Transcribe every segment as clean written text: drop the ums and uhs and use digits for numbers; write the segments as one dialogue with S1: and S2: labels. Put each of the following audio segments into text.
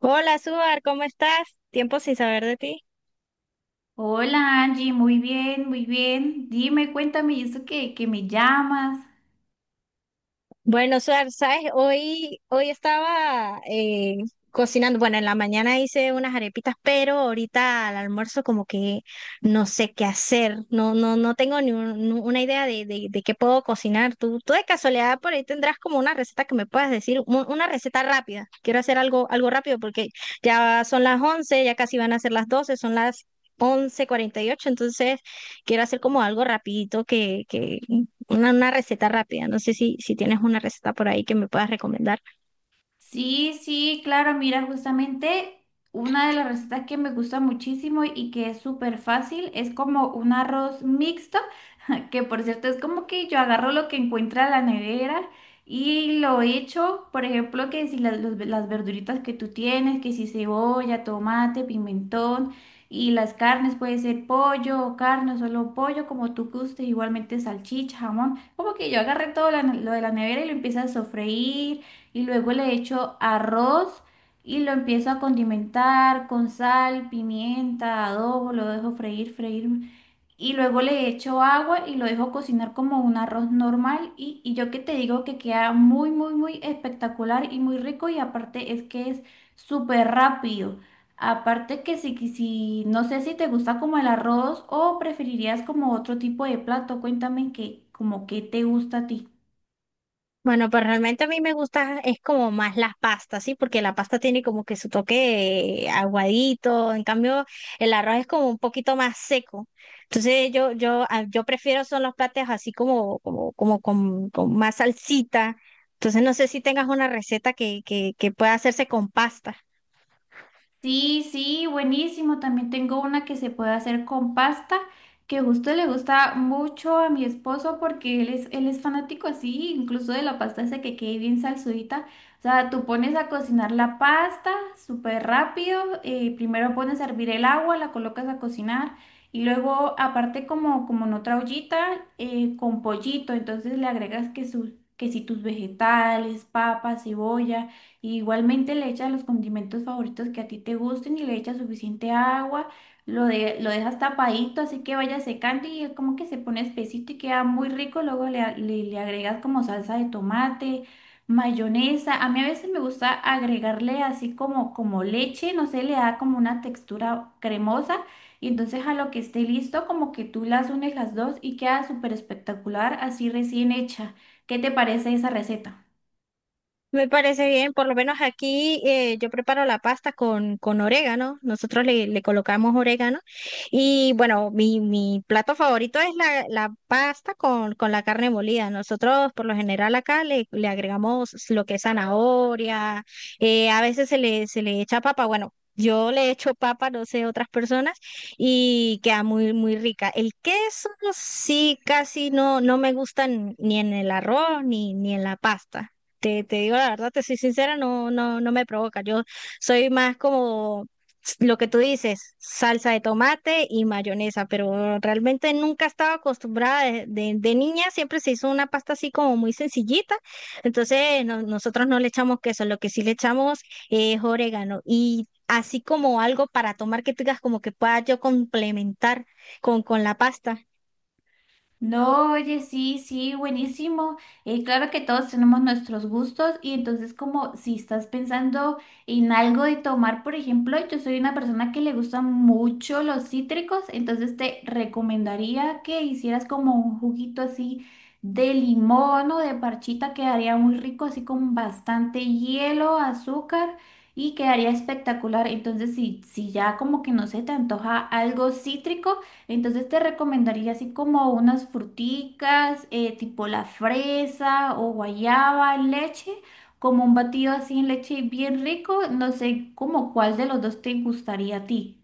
S1: Hola, Suar, ¿cómo estás? Tiempo sin saber de ti.
S2: Hola Angie, muy bien, muy bien. Dime, cuéntame, ¿y eso que me llamas?
S1: Bueno, Suar, ¿sabes? Hoy estaba cocinando. Bueno, en la mañana hice unas arepitas, pero ahorita al almuerzo como que no sé qué hacer. No tengo ni una idea de qué puedo cocinar. Tú de casualidad por ahí tendrás como una receta que me puedas decir, una receta rápida. Quiero hacer algo rápido porque ya son las 11, ya casi van a ser las 12. Son las 11:48, entonces quiero hacer como algo rapidito una receta rápida. No sé si tienes una receta por ahí que me puedas recomendar.
S2: Sí, sí, claro, mira, justamente una de las recetas que me gusta muchísimo y que es súper fácil es como un arroz mixto que por cierto es como que yo agarro lo que encuentra la nevera y lo echo, por ejemplo, que si las verduritas que tú tienes, que si cebolla, tomate, pimentón y las carnes, puede ser pollo o carne, o solo pollo, como tú gustes, igualmente salchicha, jamón, como que yo agarré todo lo de la nevera y lo empiezo a sofreír y luego le echo arroz. Y lo empiezo a condimentar con sal, pimienta, adobo, lo dejo freír, freír y luego le echo agua y lo dejo cocinar como un arroz normal y yo que te digo que queda muy, muy, muy espectacular y muy rico y aparte es que es súper rápido. Aparte que si, si no sé si te gusta como el arroz o preferirías como otro tipo de plato, cuéntame que como qué te gusta a ti.
S1: Bueno, pues realmente a mí me gusta, es como más las pastas, ¿sí? Porque la pasta tiene como que su toque aguadito, en cambio el arroz es como un poquito más seco. Entonces yo prefiero son los platos así como con más salsita. Entonces no sé si tengas una receta que pueda hacerse con pasta.
S2: Sí, sí, buenísimo. También tengo una que se puede hacer con pasta, que justo le gusta mucho a mi esposo porque él es fanático así, incluso de la pasta esa que quede bien salsudita. O sea, tú pones a cocinar la pasta súper rápido, primero pones a hervir el agua, la colocas a cocinar y luego aparte como, como en otra ollita con pollito, entonces le agregas que, su, que si tus vegetales, papas, cebolla. Y igualmente le echas los condimentos favoritos que a ti te gusten y le echas suficiente agua, lo, de, lo dejas tapadito, así que vaya secando y como que se pone espesito y queda muy rico. Luego le agregas como salsa de tomate, mayonesa. A mí a veces me gusta agregarle así como, como leche, no sé, le da como una textura cremosa. Y entonces a lo que esté listo, como que tú las unes las dos y queda súper espectacular, así recién hecha. ¿Qué te parece esa receta?
S1: Me parece bien, por lo menos aquí yo preparo la pasta con orégano, nosotros le colocamos orégano y bueno, mi plato favorito es la pasta con la carne molida. Nosotros por lo general acá le agregamos lo que es zanahoria, a veces se le echa papa, bueno. Yo le echo papa, no sé, otras personas, y queda muy rica. El queso sí casi no, no me gusta ni en el arroz ni en la pasta. Te digo la verdad, te soy sincera, no me provoca. Yo soy más como lo que tú dices, salsa de tomate y mayonesa, pero realmente nunca estaba acostumbrada de niña, siempre se hizo una pasta así como muy sencillita, entonces nosotros no le echamos queso, lo que sí le echamos es orégano y así como algo para tomar que tengas como que pueda yo complementar con la pasta.
S2: No, oye, sí, sí, buenísimo. Claro que todos tenemos nuestros gustos y entonces como si estás pensando en algo de tomar, por ejemplo, yo soy una persona que le gustan mucho los cítricos, entonces te recomendaría que hicieras como un juguito así de limón o de parchita, quedaría muy rico, así con bastante hielo, azúcar y quedaría espectacular. Entonces, si, si ya como que no se te antoja algo cítrico, entonces te recomendaría así como unas fruticas, tipo la fresa o guayaba, leche, como un batido así en leche bien rico. No sé como cuál de los dos te gustaría a ti.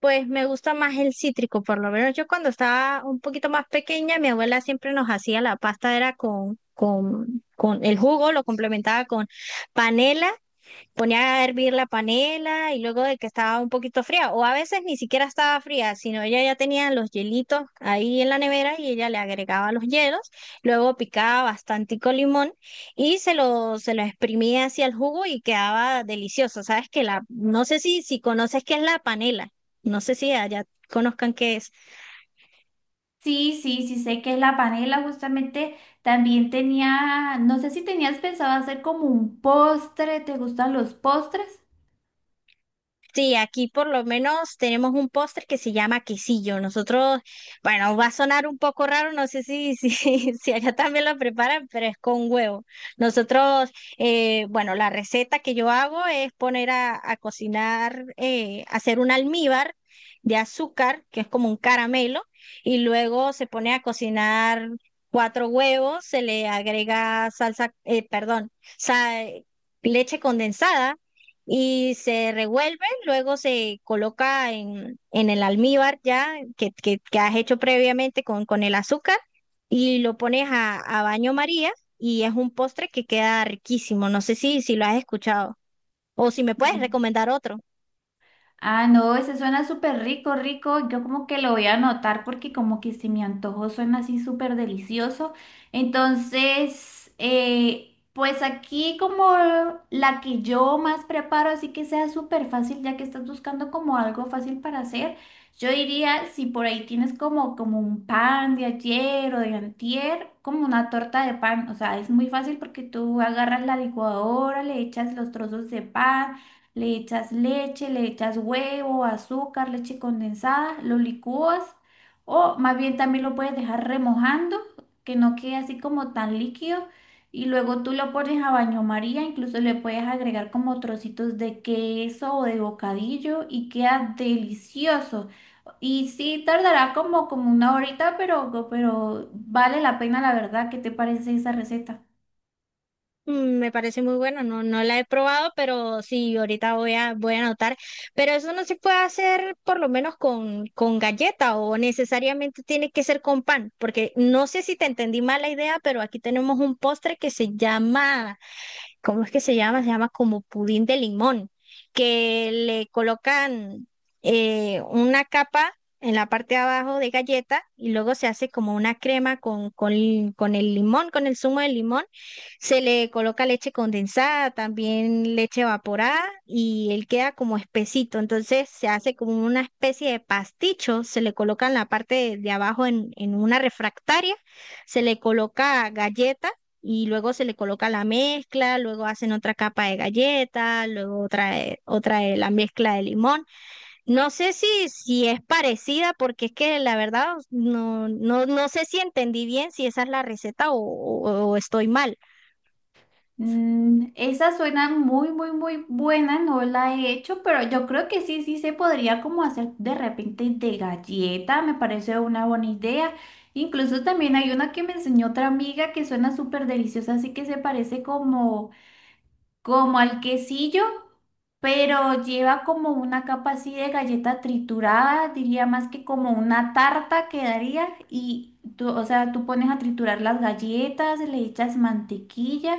S1: Pues me gusta más el cítrico, por lo menos yo cuando estaba un poquito más pequeña, mi abuela siempre nos hacía la pasta, era con el jugo, lo complementaba con panela. Ponía a hervir la panela y luego de que estaba un poquito fría, o a veces ni siquiera estaba fría, sino ella ya tenía los hielitos ahí en la nevera y ella le agregaba los hielos, luego picaba bastantico limón y se lo exprimía hacia el jugo y quedaba delicioso. Sabes que la, no sé si conoces qué es la panela, no sé si allá conozcan qué es.
S2: Sí, sí, sí, sé que es la panela, justamente también tenía, no sé si tenías pensado hacer como un postre, ¿te gustan los postres?
S1: Sí, aquí por lo menos tenemos un postre que se llama quesillo. Nosotros, bueno, va a sonar un poco raro, no sé si allá también lo preparan, pero es con huevo. Nosotros, bueno, la receta que yo hago es poner a cocinar, hacer un almíbar de azúcar, que es como un caramelo, y luego se pone a cocinar cuatro huevos, se le agrega salsa, perdón, sa- leche condensada y se revuelve. Luego se coloca en el almíbar ya que has hecho previamente con el azúcar y lo pones a baño María y es un postre que queda riquísimo. No sé si, si lo has escuchado o si me puedes recomendar otro.
S2: Ah, no, ese suena súper rico, rico. Yo como que lo voy a anotar porque como que se me antojó, suena así súper delicioso. Entonces, pues aquí como la que yo más preparo, así que sea súper fácil, ya que estás buscando como algo fácil para hacer, yo diría si por ahí tienes como un pan de ayer o de antier, como una torta de pan. O sea, es muy fácil porque tú agarras la licuadora, le echas los trozos de pan. Le echas leche, le echas huevo, azúcar, leche condensada, lo licúas o más bien también lo puedes dejar remojando, que no quede así como tan líquido y luego tú lo pones a baño María, incluso le puedes agregar como trocitos de queso o de bocadillo y queda delicioso. Y sí, tardará como una horita, pero vale la pena la verdad. ¿Qué te parece esa receta?
S1: Mm, me parece muy bueno, no la he probado, pero sí, ahorita voy a anotar. Pero eso no se puede hacer por lo menos con galleta o necesariamente tiene que ser con pan, porque no sé si te entendí mal la idea, pero aquí tenemos un postre que se llama, ¿cómo es que se llama? Se llama como pudín de limón, que le colocan una capa en la parte de abajo de galleta y luego se hace como una crema con el limón, con el zumo de limón. Se le coloca leche condensada, también leche evaporada y él queda como espesito. Entonces se hace como una especie de pasticho, se le coloca en la parte de abajo en una refractaria, se le coloca galleta y luego se le coloca la mezcla, luego hacen otra capa de galleta, luego otra de la mezcla de limón. No sé si es parecida, porque es que la verdad no sé si entendí bien si esa es la receta o estoy mal.
S2: Mm, esa suena muy, muy, muy buena, no la he hecho, pero yo creo que sí, sí se podría como hacer de repente de galleta, me parece una buena idea. Incluso también hay una que me enseñó otra amiga que suena súper deliciosa, así que se parece como al quesillo, pero lleva como una capa así de galleta triturada, diría más que como una tarta quedaría y tú, o sea, tú pones a triturar las galletas, le echas mantequilla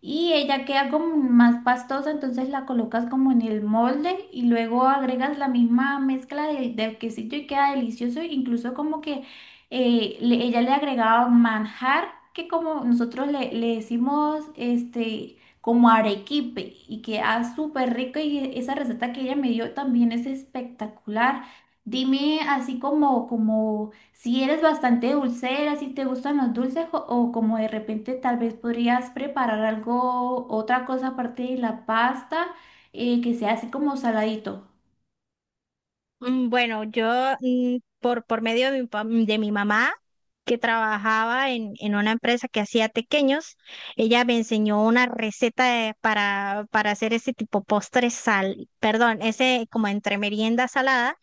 S2: y ella queda como más pastosa, entonces la colocas como en el molde y luego agregas la misma mezcla del quesillo y queda delicioso, incluso como que ella le agregaba manjar que como nosotros le decimos este como arequipe y queda súper rico y esa receta que ella me dio también es espectacular. Dime así como, como si eres bastante dulcera, si te gustan los dulces o como de repente tal vez podrías preparar algo, otra cosa aparte de la pasta, que sea así como saladito.
S1: Mm, bueno, yo por medio de de mi mamá, que trabajaba en una empresa que hacía tequeños, ella me enseñó una receta para hacer ese tipo postre sal, perdón, ese como entre merienda salada.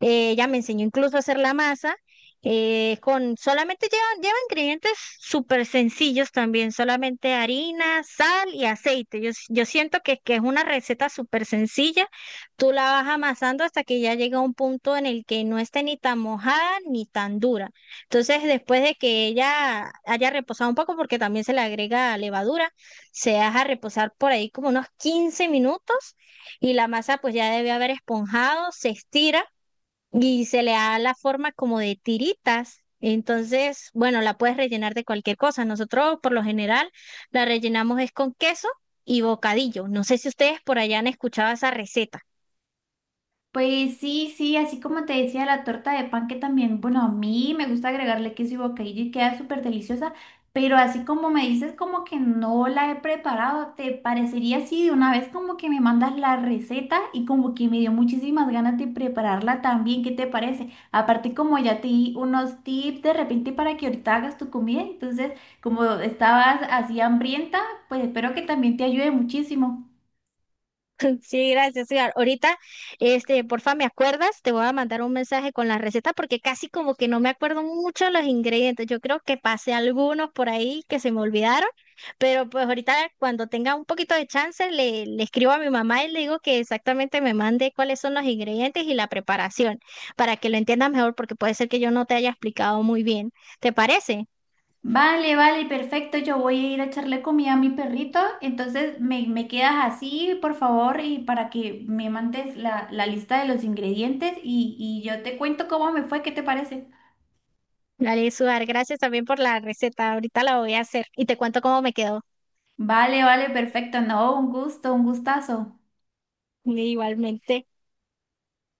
S1: Ella me enseñó incluso a hacer la masa. Eh, con solamente lleva ingredientes súper sencillos también, solamente harina, sal y aceite. Yo siento que es una receta súper sencilla. Tú la vas amasando hasta que ya llega a un punto en el que no esté ni tan mojada ni tan dura. Entonces, después de que ella haya reposado un poco, porque también se le agrega levadura, se deja reposar por ahí como unos 15 minutos y la masa pues ya debe haber esponjado, se estira y se le da la forma como de tiritas. Entonces, bueno, la puedes rellenar de cualquier cosa. Nosotros, por lo general, la rellenamos es con queso y bocadillo. No sé si ustedes por allá han escuchado esa receta.
S2: Pues sí, sí, así como te decía, la torta de pan que también, bueno, a mí me gusta agregarle queso y bocadillo y queda súper deliciosa, pero así como me dices como que no la he preparado, ¿te parecería así de una vez como que me mandas la receta y como que me dio muchísimas ganas de prepararla también? ¿Qué te parece? Aparte como ya te di unos tips de repente para que ahorita hagas tu comida, entonces como estabas así hambrienta, pues espero que también te ayude muchísimo.
S1: Sí, gracias, Edgar. Ahorita, este, porfa, ¿me acuerdas? Te voy a mandar un mensaje con la receta porque casi como que no me acuerdo mucho los ingredientes. Yo creo que pasé algunos por ahí que se me olvidaron, pero pues ahorita cuando tenga un poquito de chance le escribo a mi mamá y le digo que exactamente me mande cuáles son los ingredientes y la preparación para que lo entiendas mejor porque puede ser que yo no te haya explicado muy bien. ¿Te parece?
S2: Vale, vale, perfecto. Yo voy a ir a echarle comida a mi perrito. Entonces me quedas así, por favor, y para que me mandes la lista de los ingredientes y yo te cuento cómo me fue, ¿qué te parece?
S1: Dale, Suar, gracias también por la receta. Ahorita la voy a hacer y te cuento cómo me quedó.
S2: Vale, vale, perfecto. No, un gusto, un gustazo.
S1: Igualmente.